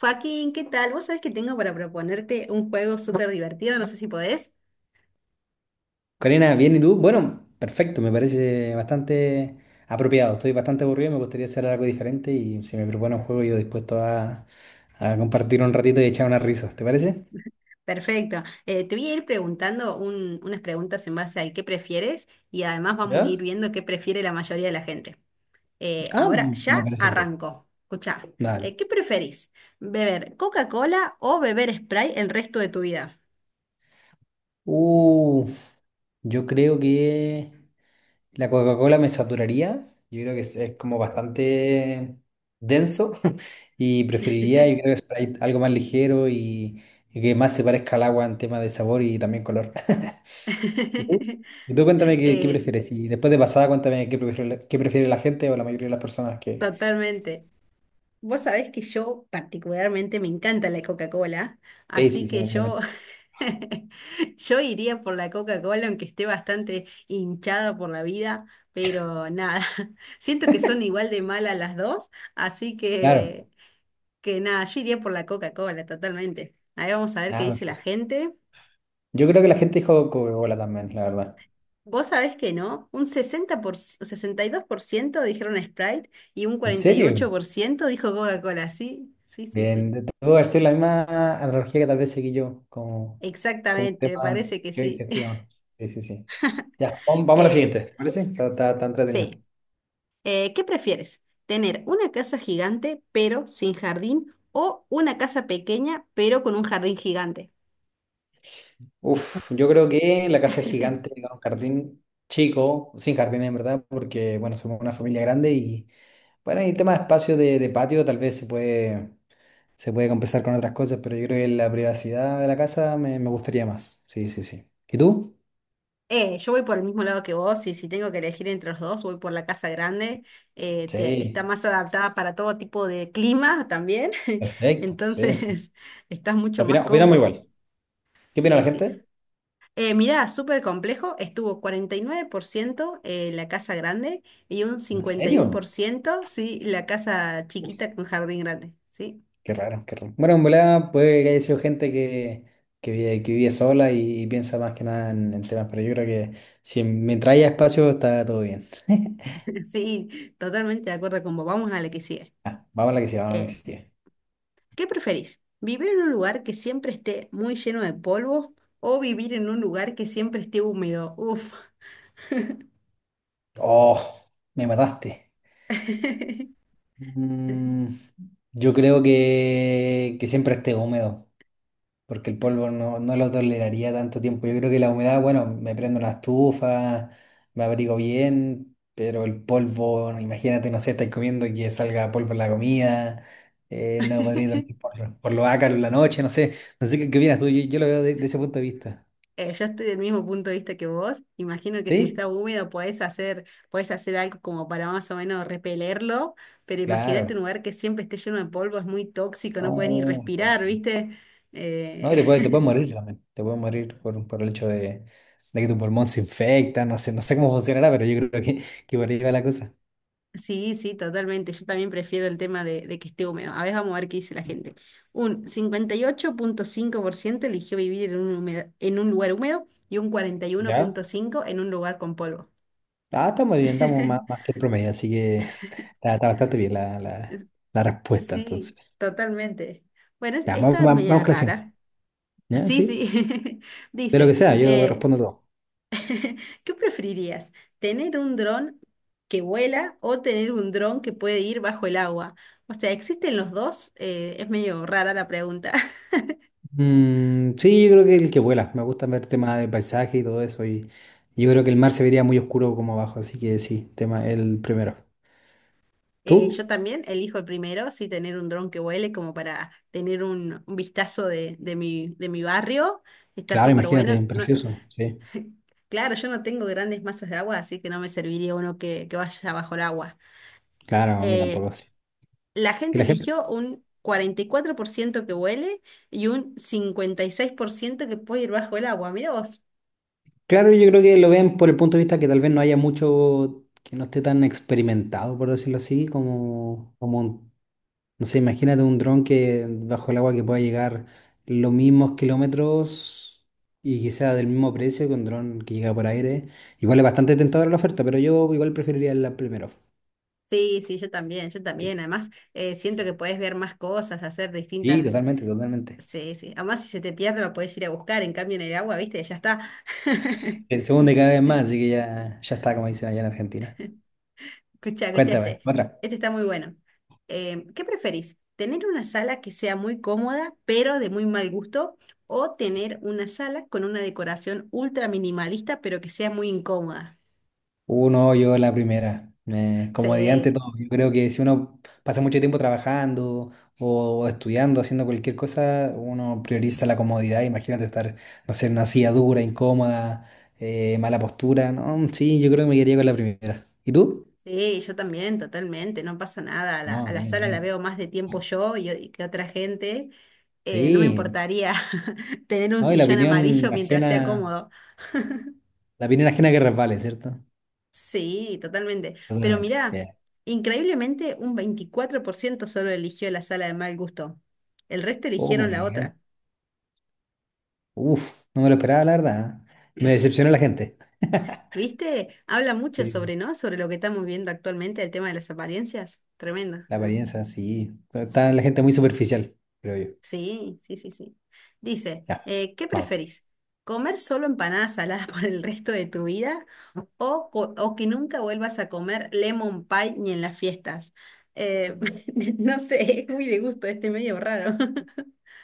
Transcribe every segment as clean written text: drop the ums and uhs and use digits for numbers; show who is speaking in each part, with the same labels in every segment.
Speaker 1: Joaquín, ¿qué tal? Vos sabés que tengo para proponerte un juego súper divertido, no sé si podés.
Speaker 2: Karina, bien, ¿y tú? Bueno, perfecto, me parece bastante apropiado. Estoy bastante aburrido, me gustaría hacer algo diferente y si me propone un juego, yo dispuesto a compartir un ratito y echar unas risas, ¿te parece?
Speaker 1: Perfecto. Te voy a ir preguntando unas preguntas en base al qué prefieres y además vamos a ir
Speaker 2: ¿Ya?
Speaker 1: viendo qué prefiere la mayoría de la gente. Eh,
Speaker 2: Ah,
Speaker 1: ahora
Speaker 2: mm, me
Speaker 1: ya
Speaker 2: parece. bien.
Speaker 1: arranco. Escuchá,
Speaker 2: Dale.
Speaker 1: ¿qué preferís? ¿Beber Coca-Cola o beber Sprite el resto de tu vida?
Speaker 2: Uh, yo creo que la Coca-Cola me saturaría. Yo creo que es como bastante denso y preferiría, yo creo que Sprite, algo más ligero y que más se parezca al agua en tema de sabor y también color. Y tú, y tú cuéntame qué
Speaker 1: Eh,
Speaker 2: prefieres. Y después de pasada, cuéntame qué prefiere, qué prefiere la gente o la mayoría de las personas que...
Speaker 1: totalmente. Vos sabés que yo particularmente me encanta la Coca-Cola,
Speaker 2: Sí, sí,
Speaker 1: así
Speaker 2: sí,
Speaker 1: que yo
Speaker 2: también.
Speaker 1: yo iría por la Coca-Cola, aunque esté bastante hinchada por la vida, pero nada, siento que son igual de malas las dos, así
Speaker 2: Claro.
Speaker 1: que nada, yo iría por la Coca-Cola totalmente. Ahí vamos a ver qué
Speaker 2: Nada,
Speaker 1: dice la
Speaker 2: perfecto.
Speaker 1: gente.
Speaker 2: Yo creo que la gente dijo Coca-Cola también, la verdad.
Speaker 1: Vos sabés que no, un 62% dijeron Sprite y un
Speaker 2: ¿En
Speaker 1: cuarenta y ocho
Speaker 2: serio?
Speaker 1: por ciento dijo Coca-Cola, sí, sí, sí,
Speaker 2: Bien,
Speaker 1: sí.
Speaker 2: debo haber sido la misma analogía que tal vez seguí yo, como un
Speaker 1: Exactamente, me
Speaker 2: tema
Speaker 1: parece que
Speaker 2: que hoy
Speaker 1: sí.
Speaker 2: gestión. Sí, sí, sí. Ya, vamos a la
Speaker 1: Eh,
Speaker 2: siguiente, ¿te parece? Está entretenido.
Speaker 1: sí. ¿Qué prefieres? ¿Tener una casa gigante pero sin jardín o una casa pequeña pero con un jardín gigante?
Speaker 2: Uf, yo creo que la casa es gigante, era un jardín chico, sin jardín en verdad, porque, bueno, somos una familia grande y... Bueno, y el tema de espacio de patio tal vez se puede compensar con otras cosas, pero yo creo que la privacidad de la casa me gustaría más. Sí, sí, sí. ¿Y tú?
Speaker 1: Yo voy por el mismo lado que vos y si tengo que elegir entre los dos, voy por la casa grande. Está
Speaker 2: Sí,
Speaker 1: más adaptada para todo tipo de clima también,
Speaker 2: perfecto. Sí, sí. sí.
Speaker 1: entonces estás mucho más
Speaker 2: Opinamos
Speaker 1: cómodo.
Speaker 2: igual. ¿Qué opina la
Speaker 1: Sí, sí.
Speaker 2: gente?
Speaker 1: Mirá, súper complejo, estuvo 49% la casa grande y un
Speaker 2: ¿En serio?
Speaker 1: 51%, sí, la casa chiquita con jardín grande, ¿sí?
Speaker 2: Qué raro, qué raro. Bueno, en volada puede que haya sido gente que vive, que vive sola y piensa más que nada en, en temas, pero yo creo que si mientras haya espacio está todo bien.
Speaker 1: Sí, totalmente de acuerdo con vos. Vamos a la que sigue.
Speaker 2: Ah, vamos a la que sigue, vamos a la que
Speaker 1: Eh,
Speaker 2: sigue.
Speaker 1: ¿Qué preferís? ¿Vivir en un lugar que siempre esté muy lleno de polvo o vivir en un lugar que siempre esté húmedo? Uf.
Speaker 2: Oh, me mataste. Mm, yo creo que siempre esté húmedo, porque el polvo no lo toleraría tanto tiempo. Yo creo que la humedad, bueno, me prendo una estufa, me abrigo bien, pero el polvo, bueno, imagínate, no sé, estáis comiendo y que salga polvo en la comida, no podría dormir por los ácaros en la noche, no sé, no sé qué, qué opinas tú, yo lo veo de ese punto de vista.
Speaker 1: Yo estoy del mismo punto de vista que vos. Imagino que si está
Speaker 2: ¿Sí?
Speaker 1: húmedo podés hacer algo como para más o menos repelerlo, pero imagínate un
Speaker 2: Claro.
Speaker 1: lugar que siempre esté lleno de polvo, es muy tóxico, no puedes ni
Speaker 2: No,
Speaker 1: respirar,
Speaker 2: tóxico.
Speaker 1: ¿viste?
Speaker 2: No, y
Speaker 1: Eh,
Speaker 2: te puedes morir también. Te puedes morir por el hecho de que tu pulmón se infecta. No sé, no sé cómo funcionará, pero yo creo que por ahí va la cosa.
Speaker 1: Sí, sí, totalmente. Yo también prefiero el tema de que esté húmedo. A ver, vamos a ver qué dice la gente. Un 58.5% eligió vivir en un lugar húmedo y un
Speaker 2: ¿Ya?
Speaker 1: 41.5% en un lugar con polvo.
Speaker 2: Ah, está muy bien, estamos más, más que el promedio, así que está, está bastante bien la respuesta entonces.
Speaker 1: Sí, totalmente. Bueno,
Speaker 2: Ya, vamos,
Speaker 1: esta es
Speaker 2: vamos, vamos
Speaker 1: media
Speaker 2: con la
Speaker 1: rara.
Speaker 2: siguiente. ¿Ya?
Speaker 1: Sí,
Speaker 2: ¿Sí?
Speaker 1: sí.
Speaker 2: De lo que
Speaker 1: Dice,
Speaker 2: sea, yo
Speaker 1: eh,
Speaker 2: respondo todo.
Speaker 1: ¿qué preferirías? ¿Tener un dron que vuela o tener un dron que puede ir bajo el agua? O sea, ¿existen los dos? Es medio rara la pregunta.
Speaker 2: Mm, sí, yo creo que el que vuela. Me gusta ver temas de paisaje y todo eso. Y yo creo que el mar se vería muy oscuro como abajo, así que sí, tema el primero.
Speaker 1: Yo
Speaker 2: ¿Tú?
Speaker 1: también elijo el primero, sí, tener un dron que vuele como para tener un vistazo de mi barrio. Está
Speaker 2: Claro,
Speaker 1: súper
Speaker 2: imagínate,
Speaker 1: bueno. No-
Speaker 2: precioso. Sí.
Speaker 1: claro, yo no tengo grandes masas de agua, así que no me serviría uno que vaya bajo el agua.
Speaker 2: Claro, a mí
Speaker 1: Eh,
Speaker 2: tampoco sí.
Speaker 1: la
Speaker 2: Que
Speaker 1: gente
Speaker 2: la gente,
Speaker 1: eligió un 44% que huele y un 56% que puede ir bajo el agua. Mirá vos.
Speaker 2: claro, yo creo que lo ven por el punto de vista que tal vez no haya mucho, que no esté tan experimentado, por decirlo así, como un- no sé, imagínate un dron que bajo el agua que pueda llegar los mismos kilómetros y que sea del mismo precio que un dron que llega por aire. Igual es bastante tentadora la oferta, pero yo igual preferiría la primera.
Speaker 1: Sí, sí, yo también, yo
Speaker 2: Sí,
Speaker 1: también. Además, siento que podés ver más cosas, hacer
Speaker 2: sí,
Speaker 1: distintas.
Speaker 2: totalmente, totalmente.
Speaker 1: Sí, sí. Además, si se te pierde, lo puedes ir a buscar. En cambio, en el agua, ¿viste? Ya está.
Speaker 2: El segundo cada vez más, así que ya, ya está, como dicen allá en Argentina.
Speaker 1: Escucha, escucha
Speaker 2: Cuéntame,
Speaker 1: este.
Speaker 2: otra.
Speaker 1: Este está muy bueno. ¿Qué preferís? ¿Tener una sala que sea muy cómoda, pero de muy mal gusto? ¿O tener una sala con una decoración ultra minimalista, pero que sea muy incómoda?
Speaker 2: Uno, yo la primera. Como dije antes,
Speaker 1: Sí,
Speaker 2: todo. Yo creo que si uno pasa mucho tiempo trabajando o estudiando, haciendo cualquier cosa, uno prioriza la comodidad. Imagínate estar, no sé, en una silla dura, incómoda, mala postura. No, sí, yo creo que me quedaría con la primera. ¿Y tú?
Speaker 1: sí, yo también, totalmente. No pasa nada. A la,
Speaker 2: No,
Speaker 1: a la
Speaker 2: bien,
Speaker 1: sala la
Speaker 2: bien.
Speaker 1: veo más de tiempo yo y que otra gente, no me
Speaker 2: Sí.
Speaker 1: importaría tener un
Speaker 2: No, y
Speaker 1: sillón amarillo mientras sea cómodo.
Speaker 2: la opinión ajena que resbale, ¿cierto?
Speaker 1: Sí, totalmente. Pero
Speaker 2: Totalmente.
Speaker 1: mirá,
Speaker 2: Bien.
Speaker 1: increíblemente un 24% solo eligió la sala de mal gusto. El resto
Speaker 2: Oh,
Speaker 1: eligieron
Speaker 2: muy
Speaker 1: la otra.
Speaker 2: bien. Uf, no me lo esperaba, la verdad. ¿Eh? Me decepcionó la gente.
Speaker 1: ¿Viste? Habla mucho
Speaker 2: Sí.
Speaker 1: sobre, ¿no? Sobre lo que estamos viendo actualmente, el tema de las apariencias. Tremendo.
Speaker 2: La apariencia, sí. Está la
Speaker 1: Sí,
Speaker 2: gente muy superficial, creo yo.
Speaker 1: sí, sí, sí, sí. Dice,
Speaker 2: Ya,
Speaker 1: ¿qué
Speaker 2: vamos.
Speaker 1: preferís? ¿Comer solo empanadas saladas por el resto de tu vida o, o que nunca vuelvas a comer lemon pie ni en las fiestas? Eh, no sé, es muy de gusto, este medio raro.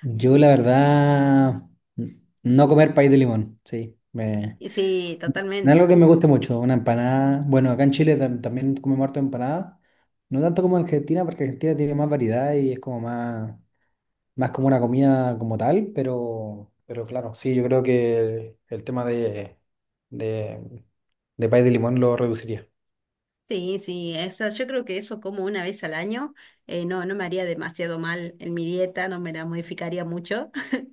Speaker 2: Yo, la verdad, no comer pay de limón, sí. Me...
Speaker 1: Y sí,
Speaker 2: No. Es
Speaker 1: totalmente.
Speaker 2: algo que me gusta mucho, una empanada. Bueno, acá en Chile también comemos harto empanada. No tanto como en Argentina, porque Argentina tiene más variedad y es como más, más como una comida como tal, pero claro, sí, yo creo que el tema de, de pay de limón lo reduciría.
Speaker 1: Sí, sí, esa, yo creo que eso como una vez al año no, no me haría demasiado mal en mi dieta, no me la modificaría mucho.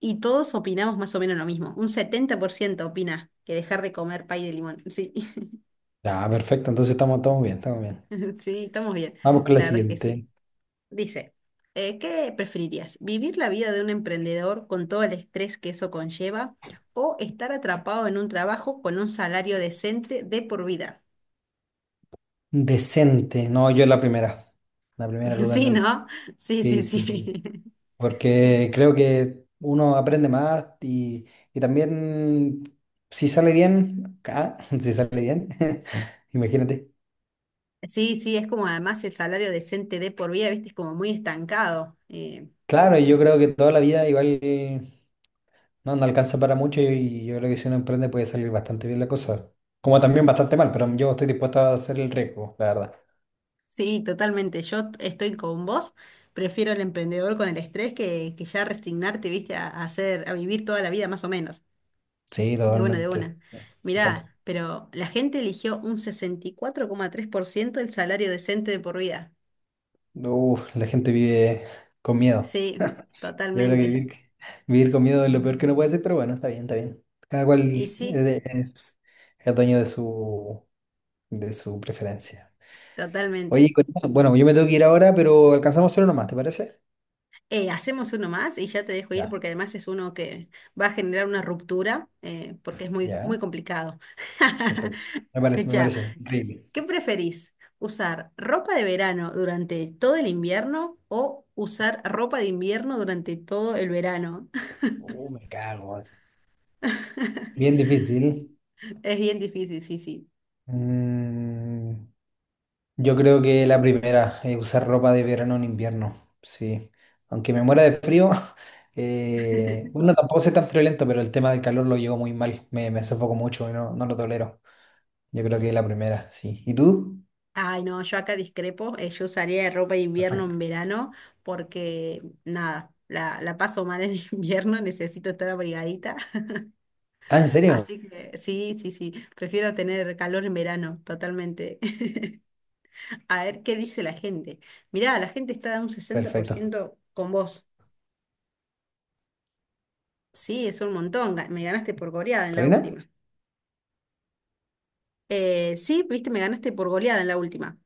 Speaker 1: Y todos opinamos más o menos lo mismo. Un 70% opina que dejar de comer pay de limón. Sí,
Speaker 2: Ya, perfecto, entonces estamos, estamos bien, estamos bien.
Speaker 1: sí, estamos bien.
Speaker 2: Vamos con la
Speaker 1: La verdad es que sí.
Speaker 2: siguiente.
Speaker 1: Dice, ¿qué preferirías? ¿Vivir la vida de un emprendedor con todo el estrés que eso conlleva o estar atrapado en un trabajo con un salario decente de por vida?
Speaker 2: Decente. No, yo la primera. La primera
Speaker 1: Sí,
Speaker 2: totalmente.
Speaker 1: ¿no? Sí, sí,
Speaker 2: Sí, sí, sí.
Speaker 1: sí.
Speaker 2: Porque creo que uno aprende más y también si sale bien, ah, si sale bien, imagínate.
Speaker 1: Sí, sí, es como además el salario decente de por vida, viste, es como muy estancado. Eh,
Speaker 2: Claro, y yo creo que toda la vida igual no, no alcanza para mucho y yo creo que si uno emprende puede salir bastante bien la cosa. Como también bastante mal, pero yo estoy dispuesto a hacer el riesgo, la verdad.
Speaker 1: sí, totalmente. Yo estoy con vos. Prefiero el emprendedor con el estrés que ya resignarte, viste, a hacer, a vivir toda la vida más o menos.
Speaker 2: Sí,
Speaker 1: De una, de una.
Speaker 2: totalmente. ¿En cuanto?
Speaker 1: Mirá, pero la gente eligió un 64,3% el salario decente de por vida.
Speaker 2: Uf, la gente vive con miedo.
Speaker 1: Sí,
Speaker 2: Yo creo que
Speaker 1: totalmente.
Speaker 2: vivir, vivir con miedo es lo peor que uno puede hacer, pero bueno, está bien, está bien. Cada cual
Speaker 1: Y
Speaker 2: es,
Speaker 1: sí,
Speaker 2: es dueño de su preferencia. Oye,
Speaker 1: totalmente.
Speaker 2: Corina, bueno, yo me tengo que ir ahora, pero alcanzamos solo nomás, ¿te parece?
Speaker 1: Hacemos uno más y ya te dejo ir
Speaker 2: Ya,
Speaker 1: porque además es uno que va a generar una ruptura, porque es muy, muy
Speaker 2: ya,
Speaker 1: complicado.
Speaker 2: perfecto. Me parece, me
Speaker 1: Escucha,
Speaker 2: parece. Increíble.
Speaker 1: ¿qué preferís? ¿Usar ropa de verano durante todo el invierno o usar ropa de invierno durante todo el verano?
Speaker 2: Me cago. Bien difícil.
Speaker 1: Es bien difícil, sí, sí.
Speaker 2: Mm, yo creo que la primera, usar ropa de verano en invierno, sí. Aunque me muera de frío, bueno, tampoco soy tan friolento, pero el tema del calor lo llevo muy mal, me sofoco mucho y no, no lo tolero. Yo creo que la primera, sí. ¿Y tú?
Speaker 1: Ay, no, yo acá discrepo. Yo usaría ropa de invierno
Speaker 2: Perfecto.
Speaker 1: en verano porque, nada, la paso mal en invierno, necesito estar abrigadita.
Speaker 2: Ah, ¿en serio?
Speaker 1: Así que sí, sí, sí, prefiero tener calor en verano, totalmente. A ver qué dice la gente. Mirá, la gente está un sesenta por
Speaker 2: Perfecto.
Speaker 1: ciento con vos. Sí, es un montón. Me ganaste por goleada en la
Speaker 2: ¿Karina?
Speaker 1: última. Sí, viste, me ganaste por goleada en la última.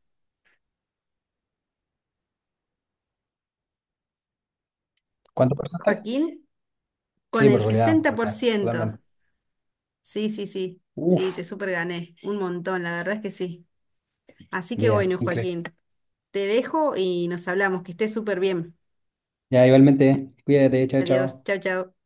Speaker 2: ¿Cuánto porcentaje?
Speaker 1: Joaquín, con
Speaker 2: Sí,
Speaker 1: el
Speaker 2: por
Speaker 1: sesenta por
Speaker 2: goleada,
Speaker 1: ciento
Speaker 2: totalmente.
Speaker 1: Sí, sí, sí, sí,
Speaker 2: Uf,
Speaker 1: te super gané. Un montón, la verdad es que sí. Así que
Speaker 2: bien,
Speaker 1: bueno,
Speaker 2: increíble.
Speaker 1: Joaquín, te dejo y nos hablamos. Que estés súper bien.
Speaker 2: Ya, igualmente, cuídate, chao,
Speaker 1: Adiós,
Speaker 2: chao.
Speaker 1: chao, chao.